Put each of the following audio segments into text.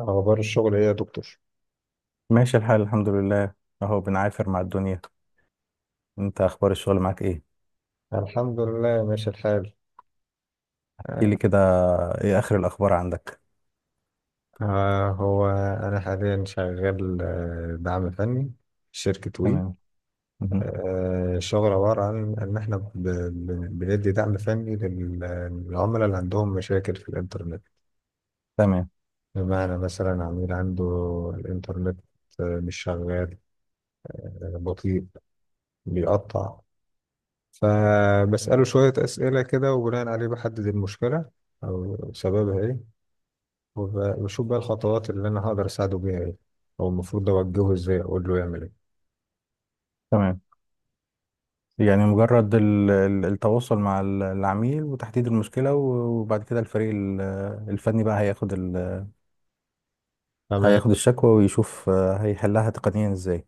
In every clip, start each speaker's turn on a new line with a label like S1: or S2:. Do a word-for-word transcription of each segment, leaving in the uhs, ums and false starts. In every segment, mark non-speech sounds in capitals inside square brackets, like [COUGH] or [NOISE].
S1: أخبار الشغل إيه يا دكتور؟
S2: ماشي الحال، الحمد لله. اهو بنعافر مع الدنيا. انت، اخبار الشغل معاك ايه؟
S1: الحمد لله ماشي الحال.
S2: احكي لي كده، ايه اخر الاخبار عندك؟
S1: آه هو أنا حاليا شغال، آه، دعم فني في شركة وي.
S2: تمام. مهم.
S1: آه الشغل عبارة عن إن إحنا ب- ب- بندي دعم فني لل- للعملاء اللي عندهم مشاكل في الإنترنت.
S2: تمام.
S1: بمعنى مثلا عميل عنده الإنترنت آه، مش شغال، آه، بطيء، بيقطع. فبسأله شوية أسئلة كده وبناء عليه بحدد المشكلة أو سببها إيه، وبشوف بقى الخطوات اللي انا هقدر اساعده بيها ايه، او المفروض اوجهه ازاي اقول له يعمل ايه.
S2: تمام. يعني مجرد ال- ال- التواصل مع ال- العميل وتحديد المشكلة و- وبعد كده الفريق ال- الفني بقى هياخد ال-
S1: تمام،
S2: هياخد الشكوى ويشوف، آه، هيحلها تقنيا ازاي.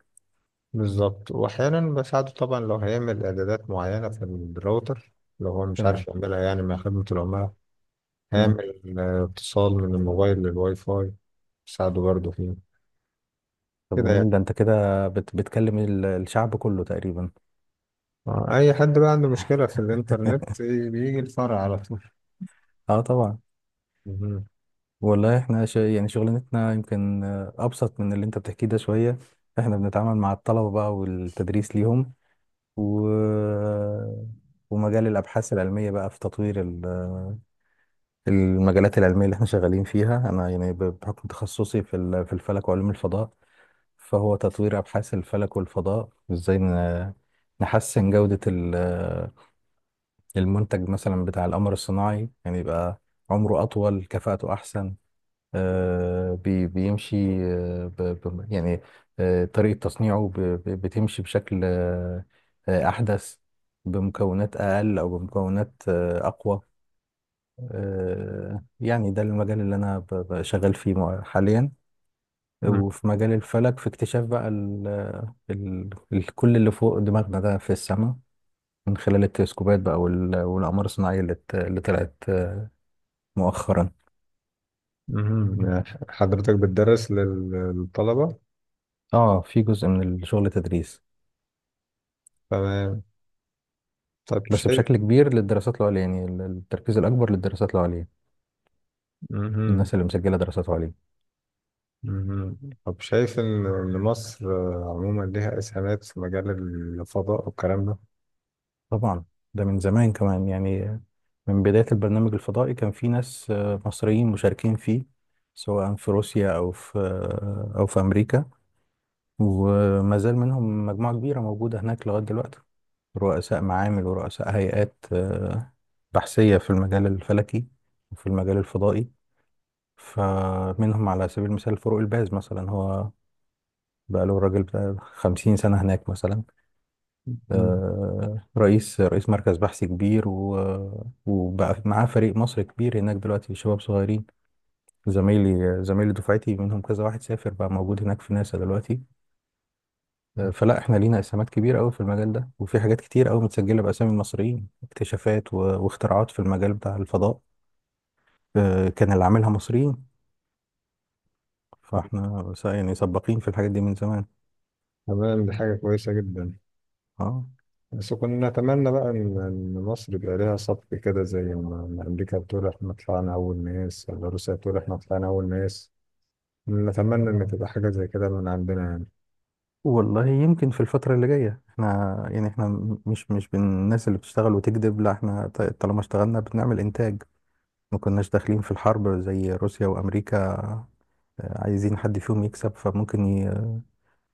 S1: بالظبط. واحيانا بساعده طبعا لو هيعمل اعدادات معينه في الراوتر، لو هو مش
S2: تمام.
S1: عارف يعملها، يعني مع خدمه العملاء
S2: مم.
S1: هيعمل آه، اتصال من الموبايل للواي فاي. بساعده برضه فيه
S2: طب،
S1: كده يعني.
S2: جميل. ده انت كده بت بتكلم ال- الشعب كله تقريبا.
S1: آه، اي حد بقى عنده مشكله في الانترنت إيه، بيجي الفرع على طول.
S2: اه، طبعا.
S1: مهم.
S2: والله احنا شا... يعني شغلانتنا يمكن آه، ابسط من اللي انت بتحكيه ده شويه. احنا بنتعامل مع الطلبه بقى والتدريس ليهم. و... ومجال الابحاث العلميه بقى في تطوير ال- المجالات العلميه اللي احنا شغالين فيها. انا يعني ب- بحكم تخصصي في ال- في الفلك وعلوم الفضاء. فهو تطوير ابحاث الفلك والفضاء ازاي ن- نحسن جوده ال- المنتج مثلا بتاع القمر الصناعي، يعني يبقى عمره اطول، كفاءته احسن. آه، بي- بيمشي. آه، ب- ب- يعني آه، طريقة تصنيعه ب- ب- بتمشي بشكل آه، آه، أحدث، بمكونات أقل أو بمكونات آه، أقوى. آه، يعني ده المجال اللي أنا ب- ب- شغال فيه مع- حاليا.
S1: مم.
S2: وفي مجال الفلك، في اكتشاف بقى ال ال ال كل اللي فوق دماغنا ده في السماء، من خلال التلسكوبات بقى وال- والأقمار الصناعية اللي ت- اللي طلعت آه، مؤخرا.
S1: مهم. آه، حضرتك بتدرس لل- للطلبه؟
S2: اه، في جزء من الشغل تدريس،
S1: تمام. طب
S2: بس
S1: شايف
S2: بشكل كبير للدراسات العليا، يعني ال- التركيز الأكبر للدراسات العليا.
S1: مهم.
S2: الناس اللي مسجلة دراسات عليا.
S1: مهم. طب شايف إن إن مصر آه، عموما ليها إسهامات في مجال الفضاء والكلام ده؟
S2: طبعا، ده من زمان كمان يعني. من بداية البرنامج الفضائي كان في ناس آه، مصريين مشاركين فيه، سواء في روسيا أو في آه، أو في أمريكا. وما زال منهم مجموعة كبيرة موجودة هناك لغاية دلوقتي، رؤساء معامل ورؤساء هيئات آه، بحثية في المجال الفلكي وفي المجال الفضائي. فمنهم على سبيل المثال فاروق الباز مثلا، هو بقى له الراجل بتاع 50 سنة هناك مثلا.
S1: مم.
S2: آه، رئيس رئيس مركز بحث كبير، و- وبقى معاه فريق مصر كبير هناك دلوقتي، شباب صغيرين. زمايلي زمايلي دفعتي منهم كذا واحد سافر، بقى موجود هناك في ناسا دلوقتي. آه، فلا احنا لينا اسهامات كبيرة قوي في المجال ده، وفي حاجات كتير قوي متسجلة بأسامي مصريين، اكتشافات و- واختراعات في المجال بتاع الفضاء. آه، كان اللي عاملها مصريين. فاحنا س- يعني سباقين في الحاجات دي من زمان.
S1: تمام، دي حاجة كويسة جدا.
S2: اه.
S1: بس كنا نتمنى بقى إن إن مصر يبقى ليها سبق كده، زي ما ما أمريكا بتقول إحنا طلعنا أول ناس، ولا روسيا بتقول إحنا طلعنا أول ناس. نتمنى إن تبقى حاجة زي كده من عندنا يعني.
S2: والله يمكن في الفترة اللي جاية، احنا يعني احنا م- مش مش من الناس اللي بتشتغل وتكذب. لا، احنا ط- طالما اشتغلنا بنعمل انتاج. ما كناش داخلين في الحرب زي روسيا وامريكا. آه، عايزين حد فيهم يكسب، فممكن ي-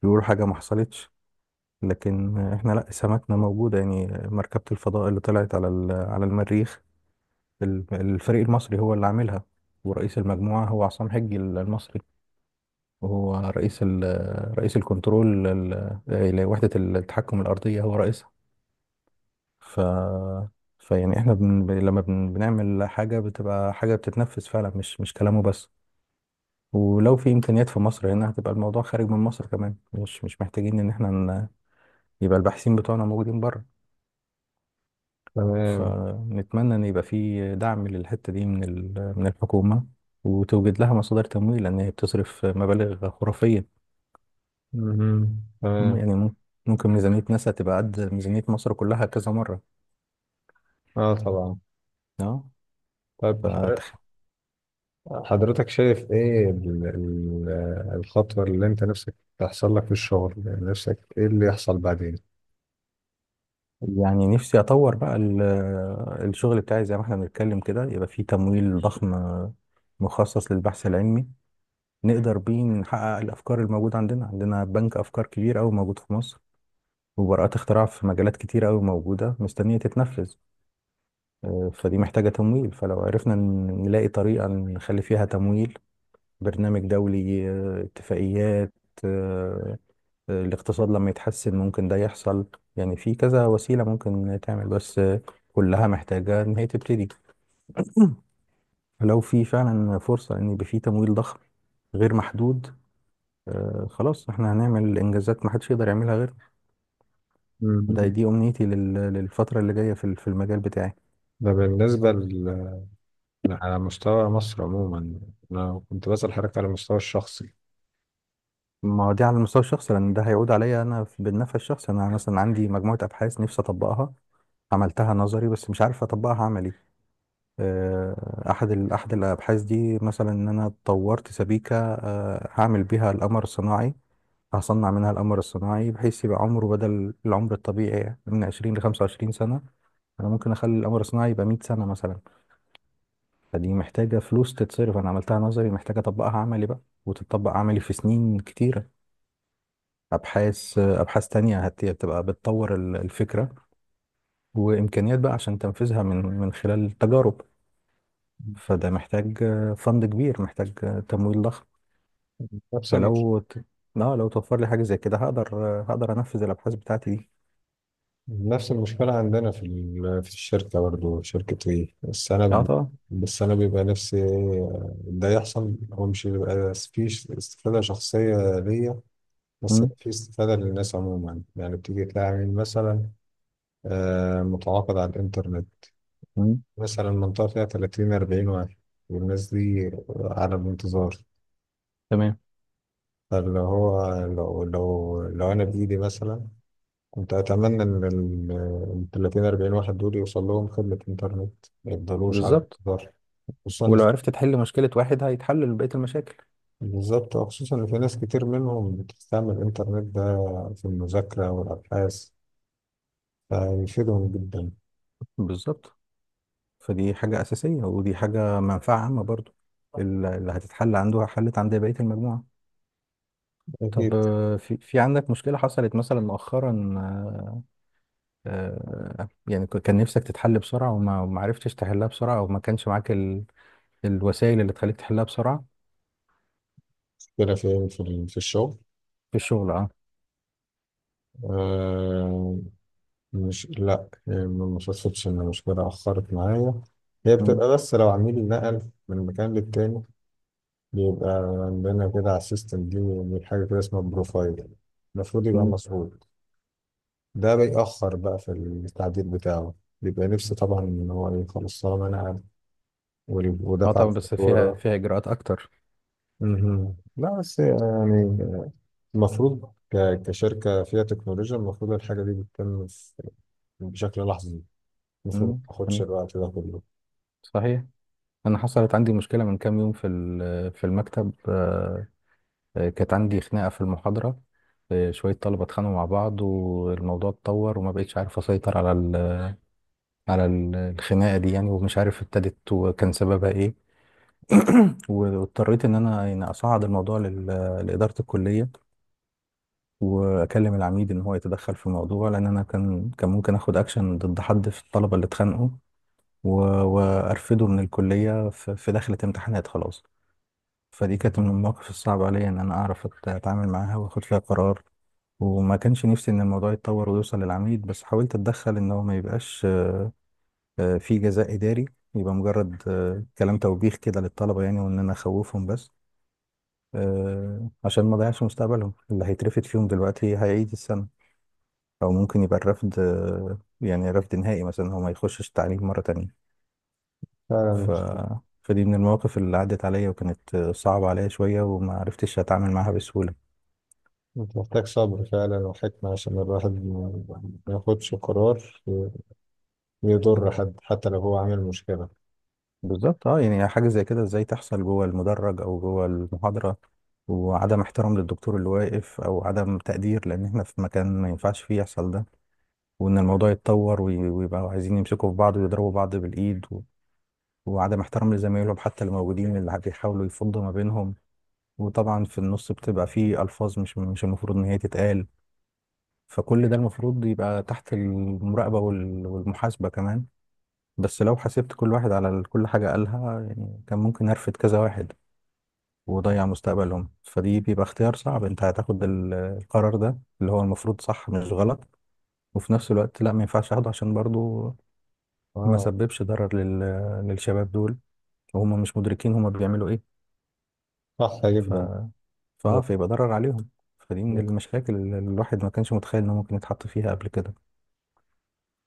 S2: يقول حاجة ما حصلتش، لكن احنا لا، سماتنا موجودة. يعني مركبة الفضاء اللي طلعت على ال- على المريخ، ال- الفريق المصري هو اللي عاملها، ورئيس المجموعة هو عصام حجي المصري، وهو رئيس ال- رئيس الكنترول ال- لوحدة التحكم الأرضية، هو رئيس. ف فيعني احنا بن... ب- لما بن... بنعمل حاجة بتبقى حاجة بتتنفذ فعلا، مش مش كلامه بس. ولو في إمكانيات في مصر هنا، هتبقى الموضوع خارج من مصر كمان، مش مش محتاجين إن احنا ن... يبقى الباحثين بتوعنا موجودين بره.
S1: تمام.
S2: فنتمنى إن يبقى في دعم للحتة دي من ال... من الحكومة، وتوجد لها مصادر تمويل، لأن هي بتصرف مبالغ خرافية.
S1: مهم.
S2: م-
S1: تمام.
S2: يعني مم- ممكن ميزانية ناسا تبقى قد ميزانية مصر كلها كذا مرة.
S1: آه طبعا.
S2: اه،
S1: طيب،
S2: فتخيل.
S1: حضرتك شايف ايه ال- ال- الخطوة اللي انت نفسك تحصل لك في الشغل؟ يعني نفسك ايه اللي يحصل بعدين؟
S2: يعني نفسي اطور بقى ال- الشغل بتاعي. زي ما احنا بنتكلم كده، يبقى فيه تمويل ضخم مخصص للبحث العلمي، نقدر بيه نحقق الافكار الموجوده عندنا. عندنا بنك افكار كبير قوي موجود في مصر، وبراءات اختراع في مجالات كتير قوي موجوده مستنيه تتنفذ. آه، فدي محتاجه تمويل، فلو عرفنا ن- نلاقي طريقه نخلي فيها تمويل، برنامج دولي، آه، اتفاقيات. آه، آه، الاقتصاد لما يتحسن ممكن ده يحصل. يعني في كذا وسيلة ممكن تعمل، بس آه، كلها محتاجة إن هي تبتدي. لو في فعلا فرصة إن يبقى في تمويل ضخم غير محدود، آه، خلاص احنا هنعمل إنجازات محدش يقدر يعملها غير. ده
S1: مم.
S2: دي أمنيتي لل- للفترة اللي جاية في ال- في المجال بتاعي.
S1: ده بالنسبة ل- على مستوى مصر عموما. انا كنت بسأل حضرتك على المستوى الشخصي.
S2: ما هو دي على المستوى الشخصي، لأن ده هيعود عليا أنا في- بالنفع الشخصي. أنا مثلا عندي مجموعة أبحاث نفسي أطبقها، عملتها نظري بس مش عارف أطبقها عملي. آه، احد ال- احد الابحاث دي مثلا، ان انا طورت سبيكه آه، هعمل بيها القمر الصناعي، هصنع منها القمر الصناعي بحيث يبقى عمره، بدل العمر الطبيعي من عشرين ل خمسة وعشرين سنة سنه، انا ممكن اخلي القمر الصناعي يبقى مية سنة سنه مثلا. فدي محتاجه فلوس تتصرف. انا عملتها نظري، محتاجه اطبقها عملي بقى، وتطبق عملي في سنين كتيره. ابحاث، آه، ابحاث تانية هت- هتبقى بتطور ال- الفكره، وامكانيات بقى عشان تنفذها من من خلال التجارب. فده محتاج آه، فند كبير، محتاج آه، تمويل ضخم.
S1: نفس المش...
S2: فلو ت... اه، لو توفر لي حاجة زي كده هقدر، آه، هقدر انفذ الابحاث بتاعتي دي.
S1: نفس المشكلة عندنا في ال... في الشركة برضه في شركة ايه، بس انا
S2: اه،
S1: ب...
S2: طبعا.
S1: بس انا بيبقى نفسي إيه ده يحصل. هو مش بيبقى فيه استفادة شخصية ليا، بس
S2: مم.
S1: في استفادة للناس عموما. يعني بتيجي تلاقي عميل مثلا آه، متعاقد على الإنترنت،
S2: مم.
S1: مثلا منطقة فيها تلاتين أربعين واحد والناس دي على الانتظار.
S2: تمام.
S1: فاللي هو لو لو لو أنا بإيدي مثلا، كنت أتمنى إن ال ال ثلاثين أربعين واحد دول يوصل لهم خدمة إنترنت ما يفضلوش على
S2: بالظبط.
S1: الانتظار. خصوصا إن
S2: ولو
S1: في-
S2: عرفت تحل مشكلة واحد هيتحل بقية المشاكل.
S1: بالظبط. آه، خصوصا إن في ناس كتير منهم بتستعمل الإنترنت ده في المذاكرة والأبحاث، فيفيدهم جدا.
S2: بالظبط. فدي حاجة أساسية، ودي حاجة منفعة عامة برضو. ال- اللي هتتحل عنده حلت عند بقية المجموعة. طب،
S1: أكيد.
S2: آه، في في عندك مشكلة حصلت مثلا مؤخرا، آه، آه، يعني ك- كان نفسك تتحل بسرعة وما وما عرفتش تحلها بسرعة، أو ما كانش معاك الوسائل اللي تخليك تحلها بسرعة؟
S1: كده في في في الشغل.
S2: في الشغل، اه.
S1: آه، مش، لا، هي ما شفتش ان المشكله اخرت معايا. هي
S2: مم.
S1: بتبقى بس لو عميل نقل من مكان للتاني، بيبقى عندنا كده على السيستم دي من حاجه كده اسمها بروفايل، المفروض يبقى
S2: مم.
S1: مسروق. ده بيأخر بقى في التعديل بتاعه. بيبقى نفسه طبعا ان هو ايه، خلاص طالما نقل وال-
S2: اه،
S1: ودفع
S2: طبعا بس فيها
S1: الفاتوره.
S2: فيها اجراءات اكتر.
S1: مهم. لا بس يعني المفروض ك- كشركه فيها تكنولوجيا، المفروض الحاجه دي بتتم في- بشكل لحظي. المفروض ما
S2: مم.
S1: تاخدش
S2: مم.
S1: الوقت ده كله.
S2: صحيح. انا حصلت عندي مشكلة من كام يوم في ال- في المكتب. آه، آه، كانت عندي خناقة في المحاضرة. آه، شوية طلبة اتخانقوا مع بعض، والموضوع اتطور، وما بقتش عارف اسيطر على ال- على ال- الخناقة دي، يعني ومش عارف ابتدت وكان سببها ايه. [COUGHS] [CLEARS THROAT] واضطريت ان انا يعني اصعد الموضوع لل- لإدارة الكلية، واكلم العميد ان هو يتدخل في الموضوع، لان انا كان كان ممكن اخد اكشن ضد حد في الطلبه اللي اتخانقوا، و- وارفده من الكليه في في دخلة امتحانات خلاص. فدي كانت من المواقف الصعبه عليا، ان انا اعرف أت- اتعامل معاها واخد فيها قرار. وما كانش نفسي ان الموضوع يتطور ويوصل للعميد، بس حاولت اتدخل ان هو ما يبقاش آه، في جزاء اداري، يبقى مجرد آه، كلام توبيخ كده للطلبه يعني، وان انا اخوفهم بس. آه، عشان ما اضيعش مستقبلهم. اللي هيترفد فيهم دلوقتي هيعيد السنه، او ممكن يبقى الرفض آه، يعني رفض نهائي مثلا، هو ما يخشش تعليم مرة تانية.
S1: فعلا.
S2: ف... فدي من المواقف اللي عدت عليا، وكانت آه، صعبة عليا شوية، وما عرفتش اتعامل معاها بسهولة.
S1: محتاج صبر فعلا وحكمة عشان الواحد ما ما ياخدش قرار يضر حد حتى لو هو عامل مشكلة.
S2: بالظبط. اه، يعني حاجة زي كده ازاي تحصل جوه المدرج او جوه المحاضرة، وعدم احترام للدكتور اللي واقف، او عدم تقدير، لان احنا في مكان ما ينفعش فيه يحصل ده. وان الموضوع يتطور وي- ويبقوا عايزين يمسكوا في بعض ويضربوا بعض بالايد، و... وعدم احترام لزمايلهم حتى اللي موجودين، اللي بيحاولوا يفضوا ما بينهم. وطبعا في النص بتبقى فيه ألفاظ مش مش المفروض إن هي تتقال، فكل ده المفروض يبقى تحت المراقبة وال- والمحاسبة كمان. بس لو حاسبت كل واحد على ال- كل حاجة قالها يعني، كان ممكن أرفد كذا واحد وضيع مستقبلهم. فدي بيبقى اختيار صعب. انت هتاخد ال- القرار ده اللي هو المفروض صح مش غلط، وفي نفس الوقت لا، ما ينفعش اخده، عشان برضو ما
S1: اه.
S2: سببش ضرر لل... للشباب دول، وهم مش مدركين هم بيعملوا ايه.
S1: صح
S2: ف
S1: جدا.
S2: فاه فيبقى ضرر عليهم. فدي من المشاكل اللي الواحد ما كانش متخيل انه ممكن يتحط فيها قبل كده.